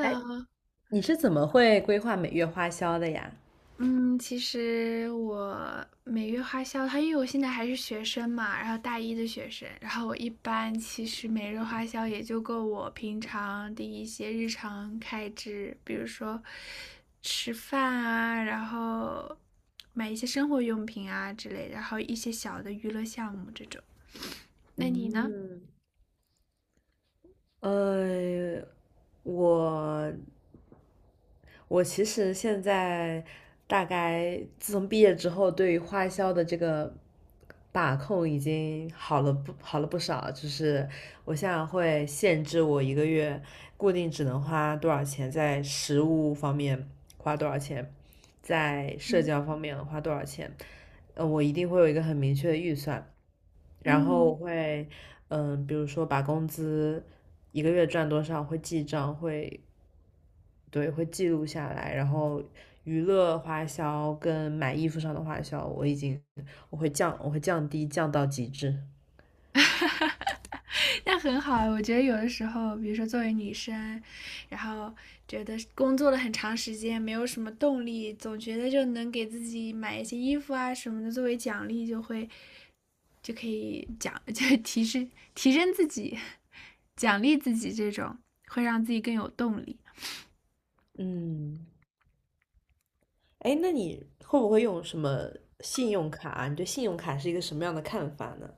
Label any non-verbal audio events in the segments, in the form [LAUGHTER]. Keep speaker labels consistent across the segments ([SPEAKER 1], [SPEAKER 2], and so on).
[SPEAKER 1] 哎，你是怎么会规划每月花销的呀？
[SPEAKER 2] 嗯，其实我每月花销，它因为我现在还是学生嘛，然后大一的学生，然后我一般其实每日花销也就够我平常的一些日常开支，比如说吃饭啊，然后买一些生活用品啊之类的，然后一些小的娱乐项目这种。那你呢？
[SPEAKER 1] 嗯，呃，我我其实现在大概自从毕业之后，对于花销的这个把控已经好了不少。就是我现在会限制我一个月固定只能花多少钱，在食物方面花多少钱，在社
[SPEAKER 2] 嗯
[SPEAKER 1] 交方面花多少钱。呃，我一定会有一个很明确的预算。然后我
[SPEAKER 2] 嗯。
[SPEAKER 1] 会，嗯，比如说把工资一个月赚多少会记账，会，对，会记录下来。然后娱乐花销跟买衣服上的花销，我会降低，降到极致。
[SPEAKER 2] [LAUGHS] 那很好啊，我觉得有的时候，比如说作为女生，然后觉得工作了很长时间，没有什么动力，总觉得就能给自己买一些衣服啊什么的作为奖励，就会就可以奖，就提升自己，奖励自己，这种会让自己更有动力。
[SPEAKER 1] 嗯，哎，那你会不会用什么信用卡啊？你对信用卡是一个什么样的看法呢？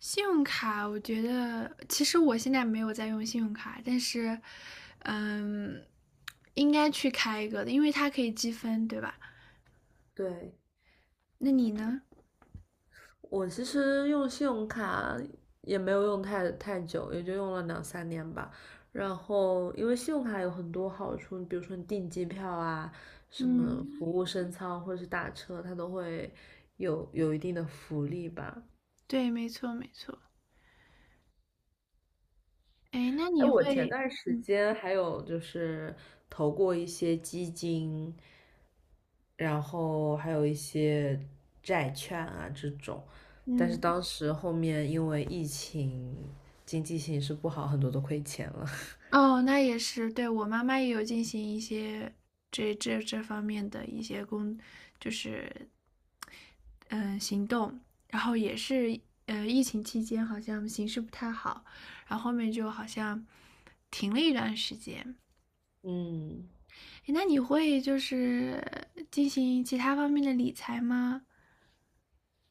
[SPEAKER 2] 信用卡，我觉得其实我现在没有在用信用卡，但是，嗯，应该去开一个的，因为它可以积分，对吧？
[SPEAKER 1] 对，
[SPEAKER 2] 那你呢？
[SPEAKER 1] 我其实用信用卡也没有用太久，也就用了2、3年吧。然后，因为信用卡有很多好处，比如说你订机票啊，什么服
[SPEAKER 2] 嗯，
[SPEAKER 1] 务升舱或者是打车，它都会有一定的福利吧。
[SPEAKER 2] 对，没错，没错。哎，那
[SPEAKER 1] 哎，
[SPEAKER 2] 你
[SPEAKER 1] 我前
[SPEAKER 2] 会，
[SPEAKER 1] 段时
[SPEAKER 2] 嗯
[SPEAKER 1] 间还有就是投过一些基金，然后还有一些债券啊这种，但是
[SPEAKER 2] 嗯，
[SPEAKER 1] 当时后面因为疫情，经济形势不好，很多都亏钱了。
[SPEAKER 2] 哦，那也是，对，我妈妈也有进行一些这方面的一些工，就是行动，然后也是疫情期间好像形势不太好，然后后面就好像停了一段时间。
[SPEAKER 1] [LAUGHS] 嗯，
[SPEAKER 2] 哎，那你会就是进行其他方面的理财吗？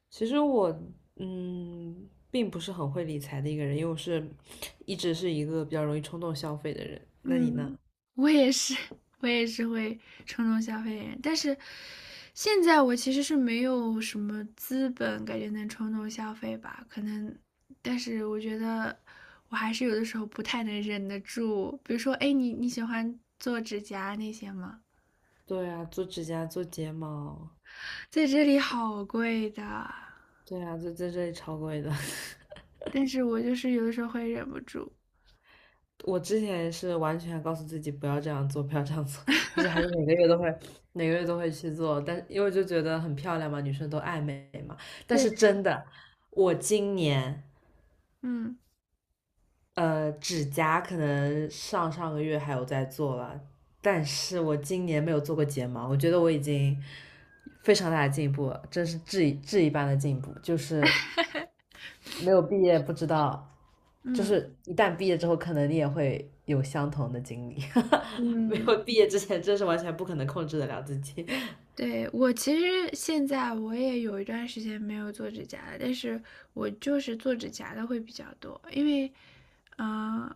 [SPEAKER 1] 其实我嗯并不是很会理财的一个人，因为我是一直是一个比较容易冲动消费的人。那你呢？
[SPEAKER 2] 嗯，我也是，[LAUGHS] 我也是会冲动消费的人，但是现在我其实是没有什么资本，感觉能冲动消费吧，可能，但是我觉得我还是有的时候不太能忍得住，比如说，哎，你喜欢做指甲那些吗？
[SPEAKER 1] 对啊，做指甲、做睫毛，
[SPEAKER 2] 在这里好贵的，
[SPEAKER 1] 对啊，就在这里超贵的。[LAUGHS]
[SPEAKER 2] 但是我就是有的时候会忍不住，
[SPEAKER 1] 我之前也是完全告诉自己不要这样做，不要这样做，[LAUGHS] 但是还是每个月都会，每个月都会去做。但因为就觉得很漂亮嘛，女生都爱美嘛。但是
[SPEAKER 2] 对，
[SPEAKER 1] 真的，我今年
[SPEAKER 2] 嗯
[SPEAKER 1] 呃指甲可能上上个月还有在做了，但是我今年没有做过睫毛，我觉得我已经非常大的进步了，真是质一般的进步。就是没有毕业不知道，就
[SPEAKER 2] 嗯
[SPEAKER 1] 是一旦毕业之后，可能你也会有相同的经历。[LAUGHS] 没
[SPEAKER 2] 嗯。
[SPEAKER 1] 有毕业之前，真是完全不可能控制得了自己。
[SPEAKER 2] 对，我其实现在我也有一段时间没有做指甲了，但是我就是做指甲的会比较多，因为，嗯、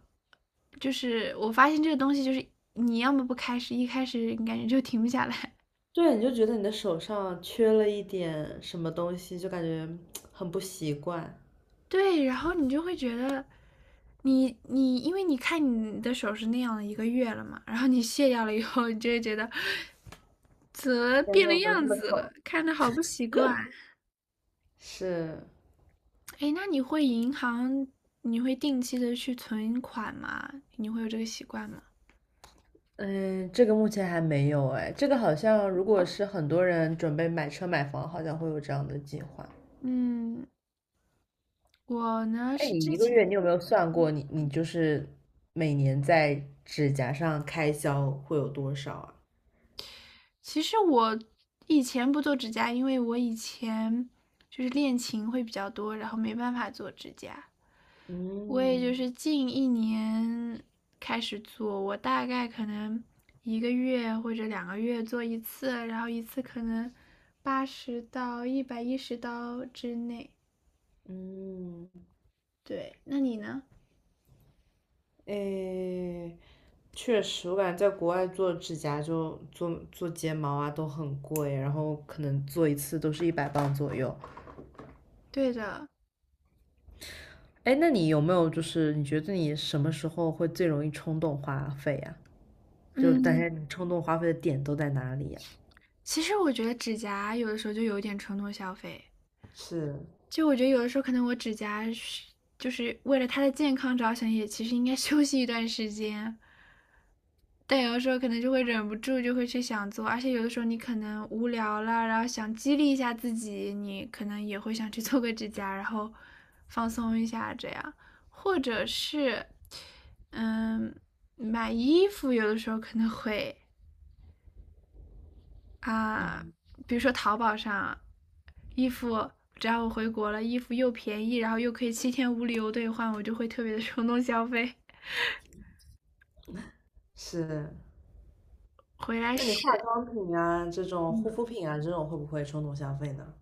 [SPEAKER 2] 就是我发现这个东西，就是你要么不开始，一开始你感觉就停不下来，
[SPEAKER 1] [LAUGHS] 对，你就觉得你的手上缺了一点什么东西，就感觉很不习惯。
[SPEAKER 2] [LAUGHS] 对，然后你就会觉得因为你看你的手是那样的一个月了嘛，然后你卸掉了以后，你就会觉得 [LAUGHS] 怎么
[SPEAKER 1] 天
[SPEAKER 2] 变
[SPEAKER 1] 呐，
[SPEAKER 2] 了
[SPEAKER 1] 怎么这
[SPEAKER 2] 样
[SPEAKER 1] 么
[SPEAKER 2] 子了，
[SPEAKER 1] 丑？
[SPEAKER 2] 看着好不习惯。
[SPEAKER 1] 是，
[SPEAKER 2] 哎，那你会银行，你会定期的去存款吗？你会有这个习惯吗？
[SPEAKER 1] 嗯，这个目前还没有哎，这个好像如果是很多人准备买车买房，好像会有这样的计划。
[SPEAKER 2] 嗯，我呢
[SPEAKER 1] 哎，
[SPEAKER 2] 是
[SPEAKER 1] 你
[SPEAKER 2] 之
[SPEAKER 1] 一个月
[SPEAKER 2] 前，
[SPEAKER 1] 你有没有算过你就是每年在指甲上开销会有多少啊？
[SPEAKER 2] 其实我以前不做指甲，因为我以前就是练琴会比较多，然后没办法做指甲。我也就
[SPEAKER 1] 嗯
[SPEAKER 2] 是近1年开始做，我大概可能一个月或者2个月做一次，然后一次可能80到110刀之内。
[SPEAKER 1] 嗯，
[SPEAKER 2] 对，那你呢？
[SPEAKER 1] 哎，确实，我感觉在国外做指甲就做做睫毛啊都很贵，然后可能做一次都是100磅左右。
[SPEAKER 2] 对的。
[SPEAKER 1] 哎，那你有没有就是你觉得你什么时候会最容易冲动花费呀、就大
[SPEAKER 2] 嗯，
[SPEAKER 1] 家你冲动花费的点都在哪里呀、
[SPEAKER 2] 其实我觉得指甲有的时候就有一点冲动消费，
[SPEAKER 1] 是
[SPEAKER 2] 就我觉得有的时候可能我指甲是就是为了它的健康着想，也其实应该 [LAUGHS] 休息一段时间，但有的时候可能就会忍不住就会去想做，而且有的时候你可能无聊了，然后想激励一下自己，你可能也会想去做个指甲，然后放松一下这样，或者是嗯买衣服，有的时候可能会。啊，比如说淘宝上，衣服只要我回国了，衣服又便宜，然后又可以7天无理由兑换，我就会特别的冲动消费。
[SPEAKER 1] 是，
[SPEAKER 2] 回来
[SPEAKER 1] 那你化
[SPEAKER 2] 试，
[SPEAKER 1] 妆品啊这种护
[SPEAKER 2] 嗯，
[SPEAKER 1] 肤品啊这种会不会冲动消费呢？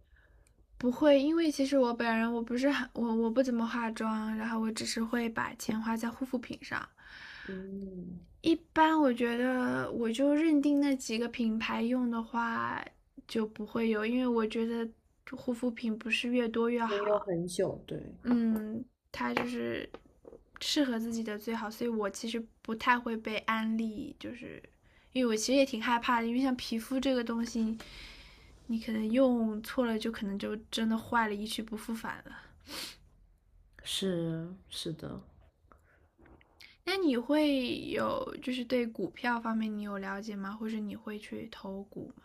[SPEAKER 2] 不会，因为其实我本人我不是很我不怎么化妆，然后我只是会把钱花在护肤品上。
[SPEAKER 1] 嗯，
[SPEAKER 2] 一般我觉得我就认定那几个品牌用的话就不会有，因为我觉得护肤品不是越多越
[SPEAKER 1] 也有
[SPEAKER 2] 好。
[SPEAKER 1] 很久，对，
[SPEAKER 2] 嗯，他就是适合自己的最好，所以我其实不太会被安利，就是因为我其实也挺害怕的，因为像皮肤这个东西，你可能用错了，就可能就真的坏了，一去不复返了。
[SPEAKER 1] 是是的。
[SPEAKER 2] 那你会有就是对股票方面你有了解吗？或者你会去投股吗？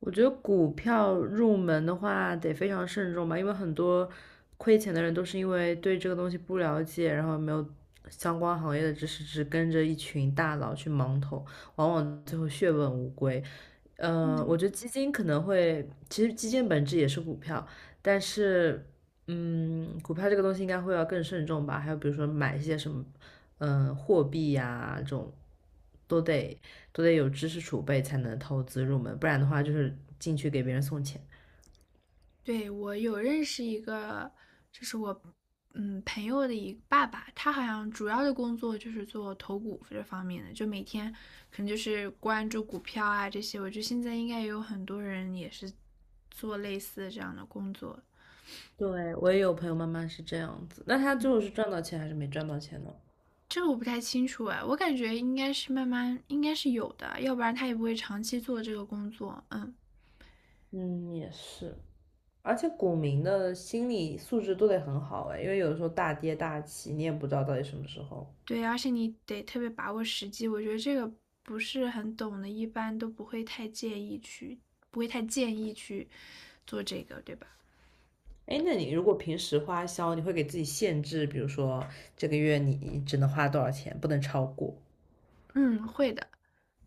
[SPEAKER 1] 我觉得股票入门的话得非常慎重吧，因为很多亏钱的人都是因为对这个东西不了解，然后没有相关行业的知识，只跟着一群大佬去盲投，往往最后血本无归。呃，我觉得基金可能会，其实基金本质也是股票，但是，嗯，股票这个东西应该会要更慎重吧。还有比如说买一些什么，嗯，货币呀、这种，都得都得有知识储备才能投资入门，不然的话就是进去给别人送钱。
[SPEAKER 2] 对，我有认识一个，就是我朋友的一个爸爸，他好像主要的工作就是做投股这方面的，就每天可能就是关注股票啊这些。我觉得现在应该也有很多人也是做类似的这样的工作，
[SPEAKER 1] 对，我也有朋友妈妈是这样子，那她最后是赚到钱还是没赚到钱呢？
[SPEAKER 2] 这个我不太清楚哎，我感觉应该是慢慢应该是有的，要不然他也不会长期做这个工作。嗯，
[SPEAKER 1] 嗯，也是，而且股民的心理素质都得很好哎，因为有的时候大跌大起，你也不知道到底什么时候。
[SPEAKER 2] 对，而且你得特别把握时机，我觉得这个不是很懂的，一般都不会太介意去，不会太建议去做这个，对吧？
[SPEAKER 1] 哎，那你如果平时花销，你会给自己限制，比如说这个月你只能花多少钱，不能超过。
[SPEAKER 2] 嗯，会的，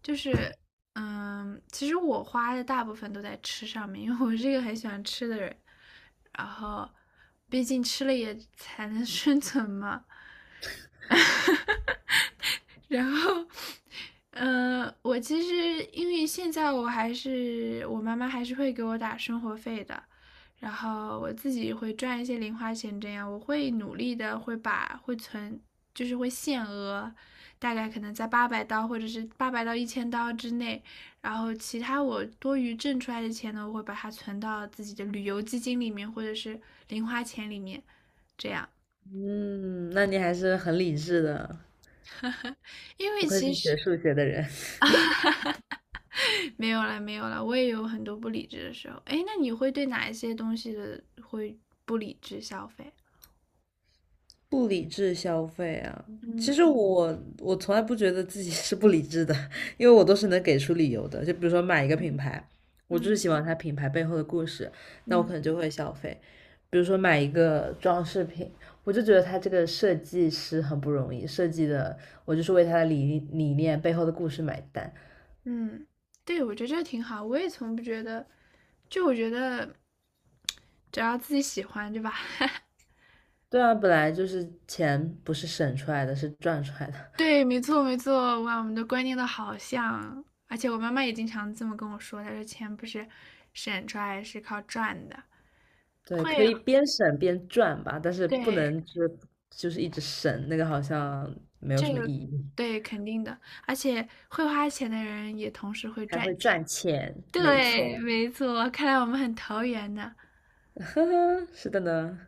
[SPEAKER 2] 就是，其实我花的大部分都在吃上面，因为我是一个很喜欢吃的人，然后，毕竟吃了也才能 [LAUGHS] 生存嘛，然后，我其实因为现在我妈妈还是会给我打生活费的，然后我自己会赚一些零花钱，这样我会努力的会把会存，就是会限额，大概可能在800刀或者是800到1000刀之内，然后其他我多余挣出来的钱呢，我会把它存到自己的旅游基金里面或者是零花钱里面，这样，
[SPEAKER 1] 嗯，那你还是很理智的，
[SPEAKER 2] [LAUGHS] 因
[SPEAKER 1] 不
[SPEAKER 2] 为
[SPEAKER 1] 愧
[SPEAKER 2] 其
[SPEAKER 1] 是
[SPEAKER 2] 实。
[SPEAKER 1] 学数学的人。
[SPEAKER 2] 没有啦，没有啦，我也有很多不理智的时候。哎，那你会对哪一些东西的会不理智消费？
[SPEAKER 1] 不理智消费啊，其
[SPEAKER 2] 嗯
[SPEAKER 1] 实我从来不觉得自己是不理智的，[LAUGHS] 因为我都是能给出理由的。就比如说买一个品牌，我就是
[SPEAKER 2] 嗯
[SPEAKER 1] 喜欢它品牌背后的故事，那我可
[SPEAKER 2] 嗯
[SPEAKER 1] 能就会消费。比如说买一个装饰品，我就觉得它这个设计师很不容易，设计的我就是为它的理念背后的故事买单。
[SPEAKER 2] 嗯，对，我觉得这挺好。我也从不觉得，就我觉得只要自己喜欢，对吧？[LAUGHS]
[SPEAKER 1] 对啊，本来就是钱不是省出来的，是赚出来的。
[SPEAKER 2] 对，没错没错，哇，我们的观念都好像，而且我妈妈也经常这么跟我说，她说钱不是省出来，是靠赚的，
[SPEAKER 1] 对，
[SPEAKER 2] 会，
[SPEAKER 1] 可以边省边赚吧，但是不
[SPEAKER 2] 对，
[SPEAKER 1] 能就是一直省，那个好像没有
[SPEAKER 2] 这
[SPEAKER 1] 什么意
[SPEAKER 2] 个
[SPEAKER 1] 义，
[SPEAKER 2] 对，肯定的，而且会花钱的人也同时会
[SPEAKER 1] 还
[SPEAKER 2] 赚
[SPEAKER 1] 会
[SPEAKER 2] 钱。
[SPEAKER 1] 赚钱，没
[SPEAKER 2] 对，
[SPEAKER 1] 错，
[SPEAKER 2] 没错，看来我们很投缘呢。
[SPEAKER 1] [LAUGHS] 呵呵，是的呢。